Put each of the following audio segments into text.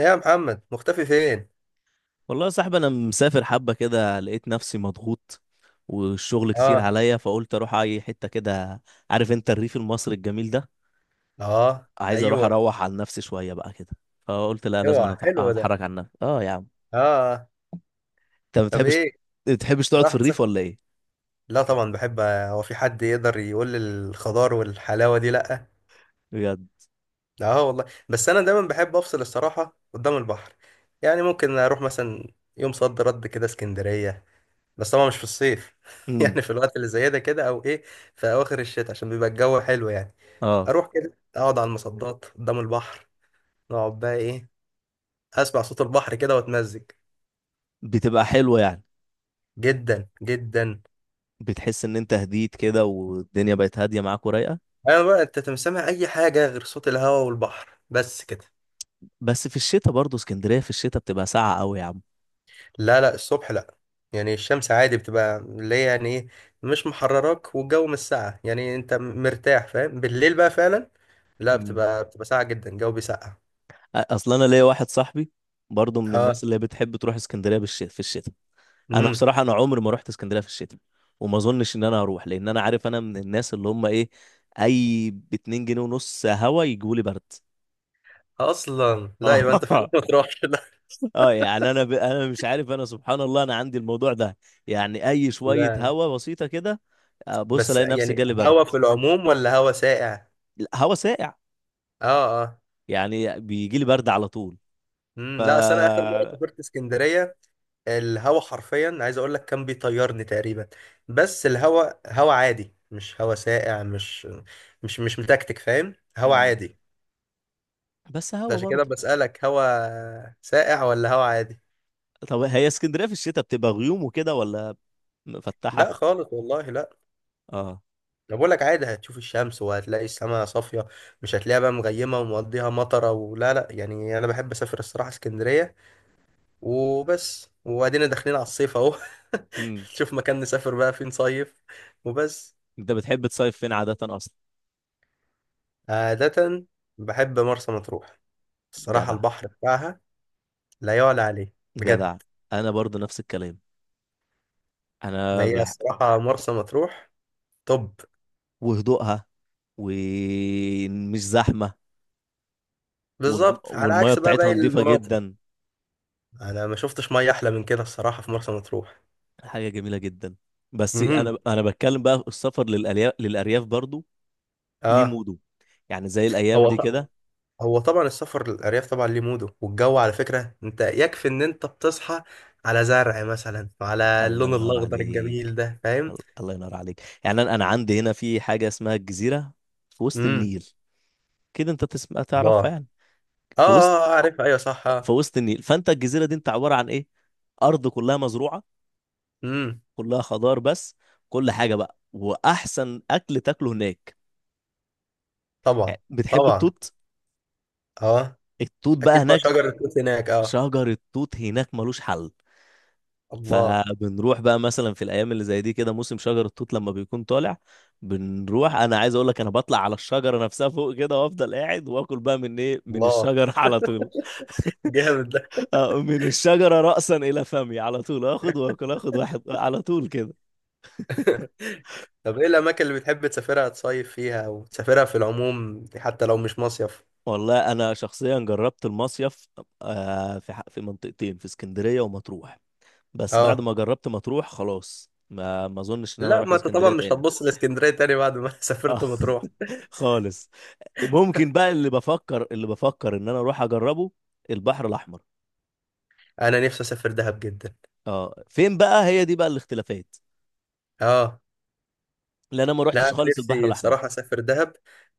إيه يا محمد مختفي فين؟ والله يا صاحبي انا مسافر حبه كده. لقيت نفسي مضغوط والشغل كتير اه. عليا، فقلت اروح اي حته كده. عارف انت الريف المصري الجميل ده. اه، عايز اروح ايوه. اروح عن نفسي شويه بقى كده. فقلت لا، لازم اوعى أنا حلو ده. اتحرك عن نفسي. اه يا عم. اه آه. انت ما طب بتحبش، ايه؟ ما بتحبش تقعد في راح الريف تسافر. ولا ايه؟ لا طبعا بحب، هو في حد يقدر يقول لي الخضار والحلاوه دي لا. بجد. لا اه والله، بس انا دايما بحب افصل الصراحه قدام البحر. يعني ممكن اروح مثلا يوم صد رد كده اسكندريه. بس طبعا مش في الصيف امم يعني في الوقت اللي زي ده كده او ايه، في اواخر الشتاء عشان بيبقى الجو حلو يعني. اه. اروح كده اقعد على المصدات قدام البحر، نقعد بقى ايه، اسمع صوت البحر كده واتمزج. بتبقى حلوه يعني. جدا جدا. بتحس ان انت هديت كده والدنيا بقت هاديه معاك ورايقه. انا بقى انت تسمع اي حاجه غير صوت الهواء والبحر بس كده. بس في الشتاء برضه اسكندريه في الشتاء بتبقى ساقعه قوي يا لا لا، الصبح لا. يعني الشمس عادي بتبقى اللي هي يعني ايه، مش محرراك والجو مش ساقع، يعني انت مرتاح فاهم. بالليل بقى فعلا لا، عم. بتبقى ساقعه جدا، الجو بيسقع. اصل انا ليا واحد صاحبي برضه من اه. الناس اللي بتحب تروح اسكندريه في الشتاء. انا امم. بصراحه انا عمري ما رحت اسكندريه في الشتاء، وما اظنش ان انا هروح لان انا عارف انا من الناس اللي هم ايه. اي ب 2 جنيه ونص هوا يجوا لي برد. اصلا لا، يبقى انت فعلا اه. ما تروحش. لا اه يعني انا انا مش عارف، انا سبحان الله انا عندي الموضوع ده. يعني اي شويه لا، هوا بسيطه كده، بص بس الاقي نفسي يعني جالي برد. هوا في العموم ولا هوا ساقع؟ هوا ساقع. اه اه. يعني بيجي لي برد على طول. ف امم. لا اصل انا اخر مره سافرت اسكندريه، الهوا حرفيا عايز اقول لك كان بيطيرني تقريبا، بس الهوا هوا عادي، مش هوا ساقع، مش متكتك، فاهم، هوا مم. عادي. بس ده هوا عشان كده برضه. بسألك، هوا ساقع ولا هوا عادي؟ طب هي اسكندرية في الشتاء بتبقى غيوم وكده، ولا لا مفتحة؟ خالص والله لا. اه. انا بقول لك عادي، هتشوف الشمس وهتلاقي السماء صافية، مش هتلاقيها بقى مغيمة ومقضيها مطرة ولا لا يعني. انا بحب اسافر الصراحة اسكندرية وبس. وبعدين داخلين على الصيف اهو امم. نشوف مكان نسافر بقى فين صيف وبس. انت بتحب تصيف فين عادة اصلا؟ عادة بحب مرسى مطروح، الصراحة جدع. البحر بتاعها لا يعلى عليه بجد. جدع. انا برضو نفس الكلام. ما انا هي بح... الصراحة مرسى مطروح. طب. وهدوءها، ومش زحمة، بالظبط، على والمية عكس بقى بتاعتها باقي نظيفة المناطق. جدا، أنا ما شفتش مية أحلى من كده الصراحة في مرسى مطروح. حاجة جميلة جدا. بس انا امم. انا بتكلم بقى، السفر للأرياف برضو ليه اه. موده. يعني زي الايام هو دي ط- كده. هو طبعا السفر للأرياف طبعا ليه موده، والجو على فكرة، أنت يكفي إن أنت بتصحى على زرع مثلا وعلى الله اللون ينور الأخضر عليك. الجميل ده، فاهم. الله ينور عليك. يعني انا، أنا عندي هنا في حاجة اسمها الجزيرة في وسط امم. النيل، كده انت تسمع الله. تعرفها اه. يعني. في وسط اه آه، عارف، أيوه صح. في وسط النيل. فانت الجزيره دي انت عباره عن ايه؟ ارض كلها مزروعه، امم. كلها خضار بس. كل حاجه بقى، واحسن اكل تاكله هناك. طبعا. يعني بتحب طبعا. التوت؟ اه. التوت بقى اكيد بقى هناك، شجر التوت هناك اه. شجر التوت هناك ملوش حل. الله. فبنروح بقى مثلا في الايام اللي زي دي كده، موسم شجر التوت لما بيكون طالع بنروح. انا عايز اقول لك انا بطلع على الشجره نفسها فوق كده، وافضل قاعد واكل بقى من ايه، من الله الشجر على طول. جامد ده. آه، من الشجرة رأسا إلى فمي على طول، آخد وآكل، آخد واحد على طول كده. طب ايه الاماكن اللي بتحب تسافرها تصيف فيها او تسافرها في العموم حتى لو مش مصيف؟ والله أنا شخصيا جربت المصيف. آه، في منطقتين، في اسكندرية ومطروح. بس بعد اه. ما جربت مطروح خلاص ما أظنش إن أنا لا، أروح ما انت طبعا اسكندرية مش تاني. هتبص لاسكندريه تاني بعد ما آه، سافرت مطروح. خالص. ممكن بقى، اللي بفكر إن أنا أروح أجربه، البحر الأحمر. انا نفسي اسافر دهب جدا. اه فين بقى؟ هي دي بقى الاختلافات. اه. لأن أنا ما لا روحتش أنا خالص البحر نفسي الأحمر. بصراحة أسافر دهب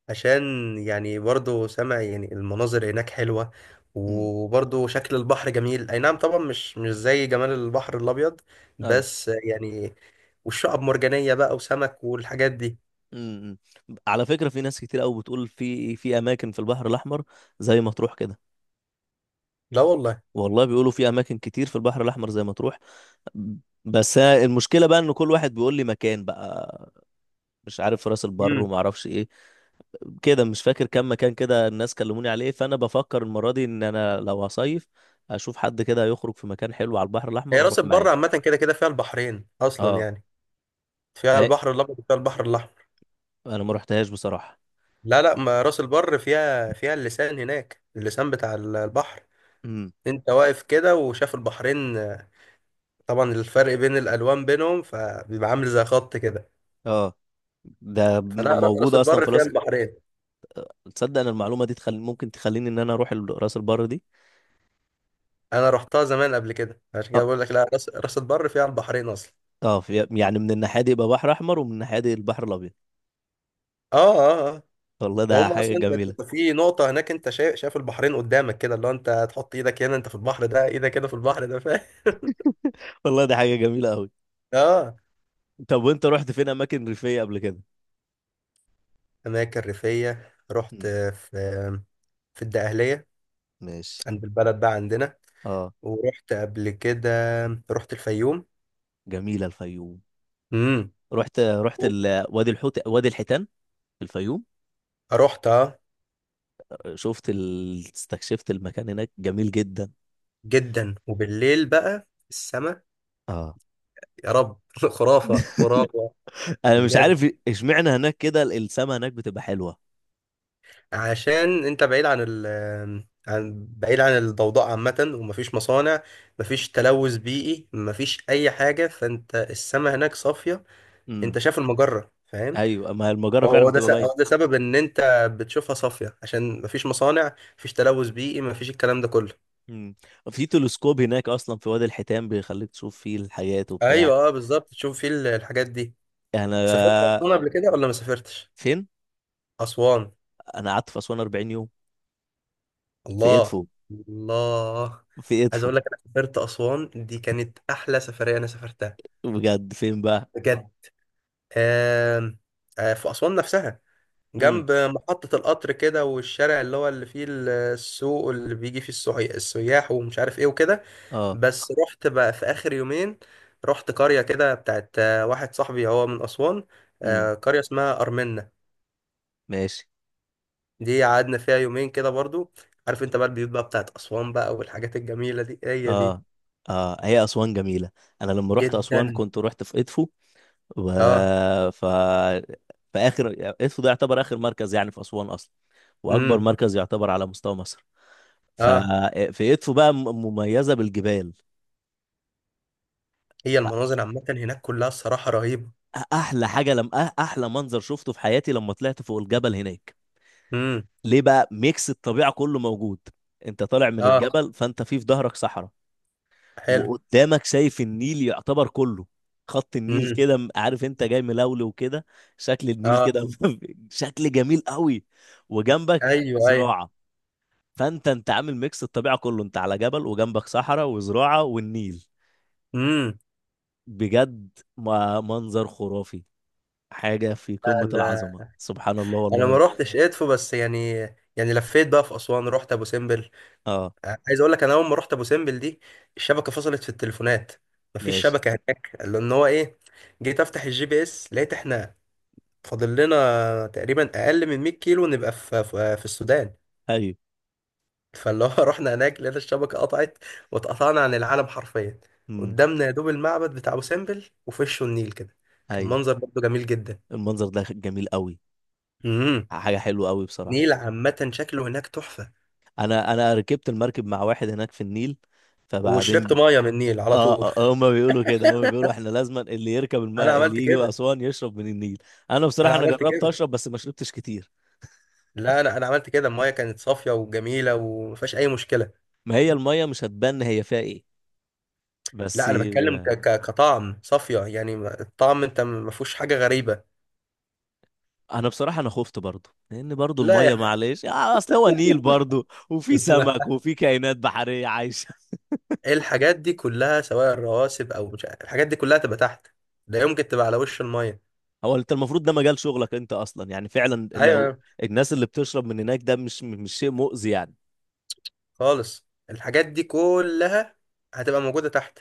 عشان، يعني برضو سامع يعني المناظر هناك حلوة، امم. وبرضو شكل البحر جميل، أي نعم طبعا مش زي جمال البحر الأبيض بس يعني، والشعب مرجانية بقى وسمك والحاجات دي. امم. امم. على فكرة في ناس كتير قوي بتقول في اماكن في البحر الاحمر زي مطروح كده. لا والله. والله بيقولوا في اماكن كتير في البحر الاحمر زي مطروح. بس أنا المشكلة بقى ان كل واحد بيقول لي مكان بقى، مش عارف راس البر امم. وما اعرفش ايه. كده مش فاكر كم مكان كده الناس كلموني عليه. فانا بفكر المرة دي ان انا لو هصيف، اشوف حد كده يخرج في مكان حلو على البحر هي الاحمر راس واروح البر معاه. عامة كده كده فيها البحرين أصلا اه. يعني، فيها ما البحر الأبيض وفيها البحر الأحمر. انا ما رحتهاش بصراحة. لا لا، ما راس البر فيها اللسان هناك، اللسان بتاع البحر. امم. أنت واقف كده وشاف البحرين، طبعا الفرق بين الالوان بينهم فبيبقى عامل زي خط كده. اه. فلا راس موجود اصلا البر في فيها راس. البحرين. تصدق ان المعلومه دي ممكن تخليني ان انا اروح راس البر دي. انا رحتها زمان قبل كده عشان اه. كده بقول لك، لا، راس البر فيها البحرين اصلا. اه يعني من الناحيه دي يبقى بحر احمر، ومن الناحيه دي البحر الابيض. اه اه اه. والله ده وهم حاجه اصلا انت جميله. أنت في نقطه هناك، انت شايف البحرين قدامك كده، اللي هو انت هتحط ايدك هنا انت في البحر ده، ايدك هنا في البحر ده، فاهم والله ده حاجه جميله قوي. اه. طب وانت رحت فين اماكن ريفيه قبل كده؟ اماكن ريفيه؟ رحت مم. في، في الدقهليه ماشي. عند البلد بقى عندنا، اه. ورحت قبل كده، رحت الفيوم. جميله الفيوم. امم. رحت وادي الحوت، وادي الحيتان في الفيوم. رحت اه. استكشفت المكان هناك جميل جدا. جدا. وبالليل بقى السماء اه. يا رب خرافة خرافة. انا مش بجد، عارف اشمعنى هناك كده السما هناك بتبقى حلوه. عشان انت بعيد عن ال، عن، بعيد عن الضوضاء عامة، ومفيش مصانع، مفيش تلوث بيئي، مفيش أي حاجة، فانت السماء هناك صافية، انت امم. شايف المجرة، فاهم. ايوه ما هي المجره هو فعلا هو ده بتبقى س- هو باينه. ده سبب ان انت بتشوفها صافية، عشان مفيش مصانع، مفيش تلوث بيئي، مفيش الكلام ده كله. مم. في تلسكوب هناك اصلا في وادي الحيتان بيخليك تشوف فيه الحاجات وبتاع. ايوه اه بالظبط تشوف فيه الحاجات دي. يعني سافرت انا. أسوان قبل كده ولا ما سافرتش؟ فين؟ أسوان. انا قعدت في اسوان 40 يوم، في الله. ادفو. الله، في عايز ادفو. اقول لك انا سافرت اسوان دي كانت احلى سفريه انا سافرتها. بجد فين بقى؟ بجد. آم، في اسوان نفسها، امم. جنب محطه القطر كده، والشارع اللي هو اللي فيه السوق اللي بيجي فيه السياح ومش عارف ايه وكده. اه. بس رحت بقى في اخر يومين، رحت قريه كده بتاعت واحد صاحبي، هو من اسوان. امم. قريه اسمها ارمنة، ماشي. دي قعدنا فيها يومين كده برضو. عارف انت بقى البيوت بقى بتاعت اسوان بقى والحاجات الجميله دي، هي دي. اه. اه هي اسوان جميله. انا لما رحت اسوان جدا. كنت رحت في ادفو و... اه. ف في اخر ادفو ده يعتبر اخر مركز يعني في اسوان اصلا، واكبر امم. مركز يعتبر على مستوى مصر. اه. ففي ادفو بقى مميزه بالجبال. هي المناظر عامة هناك كلها الصراحة رهيبة. احلى حاجه لم أه- احلى منظر شفته في حياتي لما طلعت فوق الجبل هناك. امم. ليه بقى؟ ميكس الطبيعه كله موجود. انت طالع من اه الجبل، فانت في ظهرك صحراء، حلو. وقدامك شايف النيل يعتبر كله. خط النيل امم. كده عارف انت جاي ملولو وكده. شكل النيل اه. كده شكل جميل قوي. وجنبك ايوه ايوه. زراعه. فانت انت عامل ميكس الطبيعه كله. انت على جبل وجنبك صحراء وزراعه والنيل. امم. بجد، ما منظر خرافي. حاجه في قمه العظمه، انا سبحان الله انا ما والله. روحتش ادفو بس يعني، يعني لفيت بقى في اسوان رحت ابو سمبل. اه. عايز اقول لك انا اول ما رحت ابو سمبل دي الشبكة فصلت في التليفونات، مفيش ماشي. شبكة هناك لان هو ايه، جيت افتح الجي بي اس لقيت احنا فاضل لنا تقريبا اقل من 100 كيلو نبقى في السودان. ايوه. فاللي هو رحنا هناك لقينا الشبكة قطعت، واتقطعنا عن العالم حرفيا. امم. قدامنا يا دوب المعبد بتاع أبو سمبل، وفي وشه النيل كده، كان ايوه. منظر برضه جميل جدا. المنظر ده جميل قوي. امم. حاجه حلوه قوي بصراحه. النيل عامة شكله هناك تحفة. انا ركبت المركب مع واحد هناك في النيل. فبعدين وشربت مية من النيل على اه. طول آه، آه، هما بيقولوا كده، هما بيقولوا احنا لازما اللي يركب أنا الماء اللي عملت يجي كده. اسوان يشرب من النيل. انا أنا بصراحه انا عملت جربت كده. اشرب بس ما شربتش كتير. لا، أنا عملت كده، المية كانت صافية وجميلة وما فيهاش أي مشكلة. ما هي الميه مش هتبان هي فيها ايه. بس لا أنا بتكلم ك آه، ك كطعم صافية يعني الطعم، أنت ما فيهوش حاجة غريبة. انا بصراحه انا خفت برضو لان برضو لا الميه يعني معلش آه، اصل هو نيل برضو وفي سمك وفي كائنات بحريه عايشه. الحاجات دي كلها سواء الرواسب او مش عارف، الحاجات دي كلها تبقى تحت، لا يمكن تبقى على وش الميه. هو انت المفروض ده مجال شغلك انت اصلا يعني فعلا لو ايوه الناس اللي بتشرب من هناك ده مش مش شيء مؤذي يعني. خالص، الحاجات دي كلها هتبقى موجوده تحت،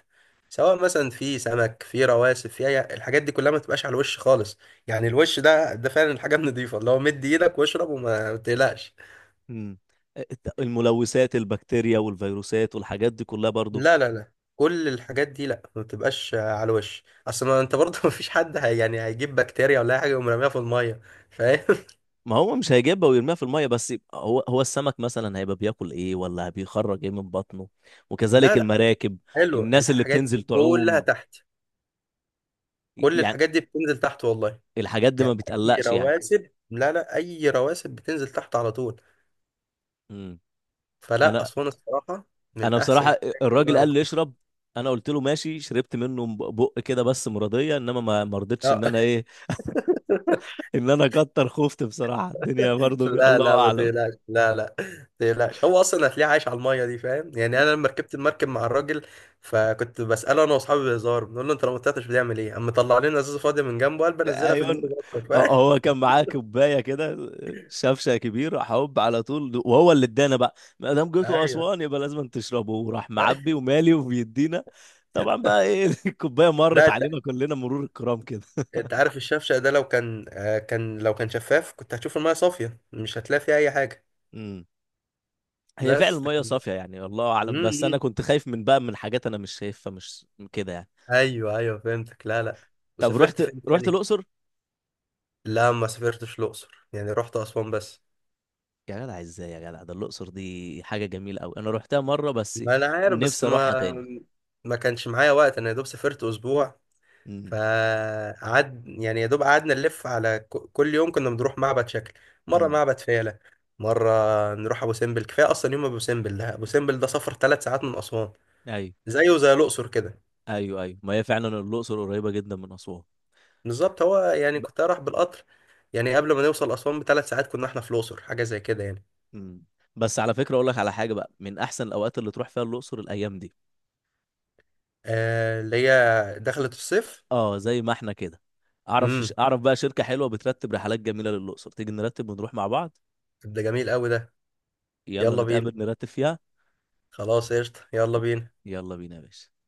سواء مثلا في سمك في رواسب الحاجات دي كلها ما تبقاش على الوش خالص. يعني الوش ده فعلا الحاجه النضيفه، اللي هو مد ايدك واشرب وما تقلقش. امم. الملوثات البكتيريا والفيروسات والحاجات دي كلها برضو. لا لا لا، كل الحاجات دي لا، ما بتبقاش على الوش، اصل ما انت برضه ما فيش حد هي يعني هيجيب بكتيريا ولا أي حاجه ويقوم راميها في الميه، فاهم ما هو مش هيجيبها ويرميها في الميه، بس هو السمك مثلا هيبقى بياكل ايه ولا بيخرج ايه من بطنه، لا وكذلك لا. المراكب. حلو الناس اللي الحاجات بتنزل دي كلها تعوم تحت، كل يعني، الحاجات دي بتنزل تحت والله. الحاجات دي ما يعني اي بتقلقش يعني. رواسب، لا لا، اي رواسب بتنزل تحت على طول. امم. فلا انا. اسوان الصراحه من احسن بصراحه الاماكن اللي الراجل انا قال لي رحتها. اشرب، انا قلت له ماشي. شربت منه بق كده بس مرضيه، انما ما رضيتش لا ان انا ايه، ان انا كتر خفت بصراحه. الدنيا برضه لا الله لا ما اعلم. تقلقش، لا لا ما تقلقش، هو اصلا هتلاقيه عايش على الميه دي، فاهم، يعني انا لما ركبت المركب مع الراجل فكنت بساله انا واصحابي بهزار، بنقول له انت لو ما طلعتش بتعمل ايه؟ قام مطلع لنا ازازه فاضيه من جنبه، قال بنزلها في النيل، ايون. برضه، هو فاهم هو كان معاه كوبايه كده، شفشه كبير، راح هوب على طول. وهو اللي ادانا بقى، ما دام جيتوا ايوه. اسوان يبقى لازم تشربوا. وراح أيوة. معبي ومالي وبيدينا. طبعا بقى ايه الكوبايه مرت لا، علينا كلنا مرور الكرام كده. انت عارف الشفشق ده لو كان شفاف كنت هتشوف المية صافية، مش هتلاقي فيها أي حاجة. امم. هي فعلا بس. الميه صافيه يعني الله اعلم، بس انا امم. كنت خايف من بقى من حاجات انا مش شايفها مش كده يعني. أيوه أيوه فهمتك، لا لا. طب، وسافرت رحت فين رحت تاني؟ الاقصر. لا ما سافرتش الأقصر، يعني رحت أسوان بس. يا جدع ازاي يا جدع، ده الأقصر دي حاجة جميلة أوي، أنا روحتها مرة بس. ما أنا عارف بس نفسي ما، أروحها تاني. ما كانش معايا وقت، أنا يا دوب سافرت أسبوع، امم. فقعد يعني، يا دوب قعدنا نلف على كل يوم كنا بنروح معبد شكل. مرة امم. معبد فيلة، مرة نروح أبو سمبل، كفاية أصلا يوم. أبو سمبل ده، أبو سمبل ده سفر 3 ساعات من أسوان، أيوه زيه زي الأقصر كده. أيوه أيوه. ما هي فعلا الأقصر قريبة جدا من أسوان. بالظبط. هو يعني ب... كنت أروح بالقطر، يعني قبل ما نوصل أسوان ب3 ساعات كنا إحنا في الأقصر، حاجة زي كده يعني. مم. بس على فكرة أقول لك على حاجة بقى، من أحسن الأوقات اللي تروح فيها الأقصر الأيام دي. آه اللي هي، دخلت الصيف. أه زي ما إحنا كده. امم. أعرف بقى شركة حلوة بترتب رحلات جميلة للأقصر. تيجي نرتب ونروح مع بعض. ده جميل قوي ده. يلا يلا بينا. نتقابل نرتب فيها. خلاص قشطة يلا بينا. يلا بينا يا باشا.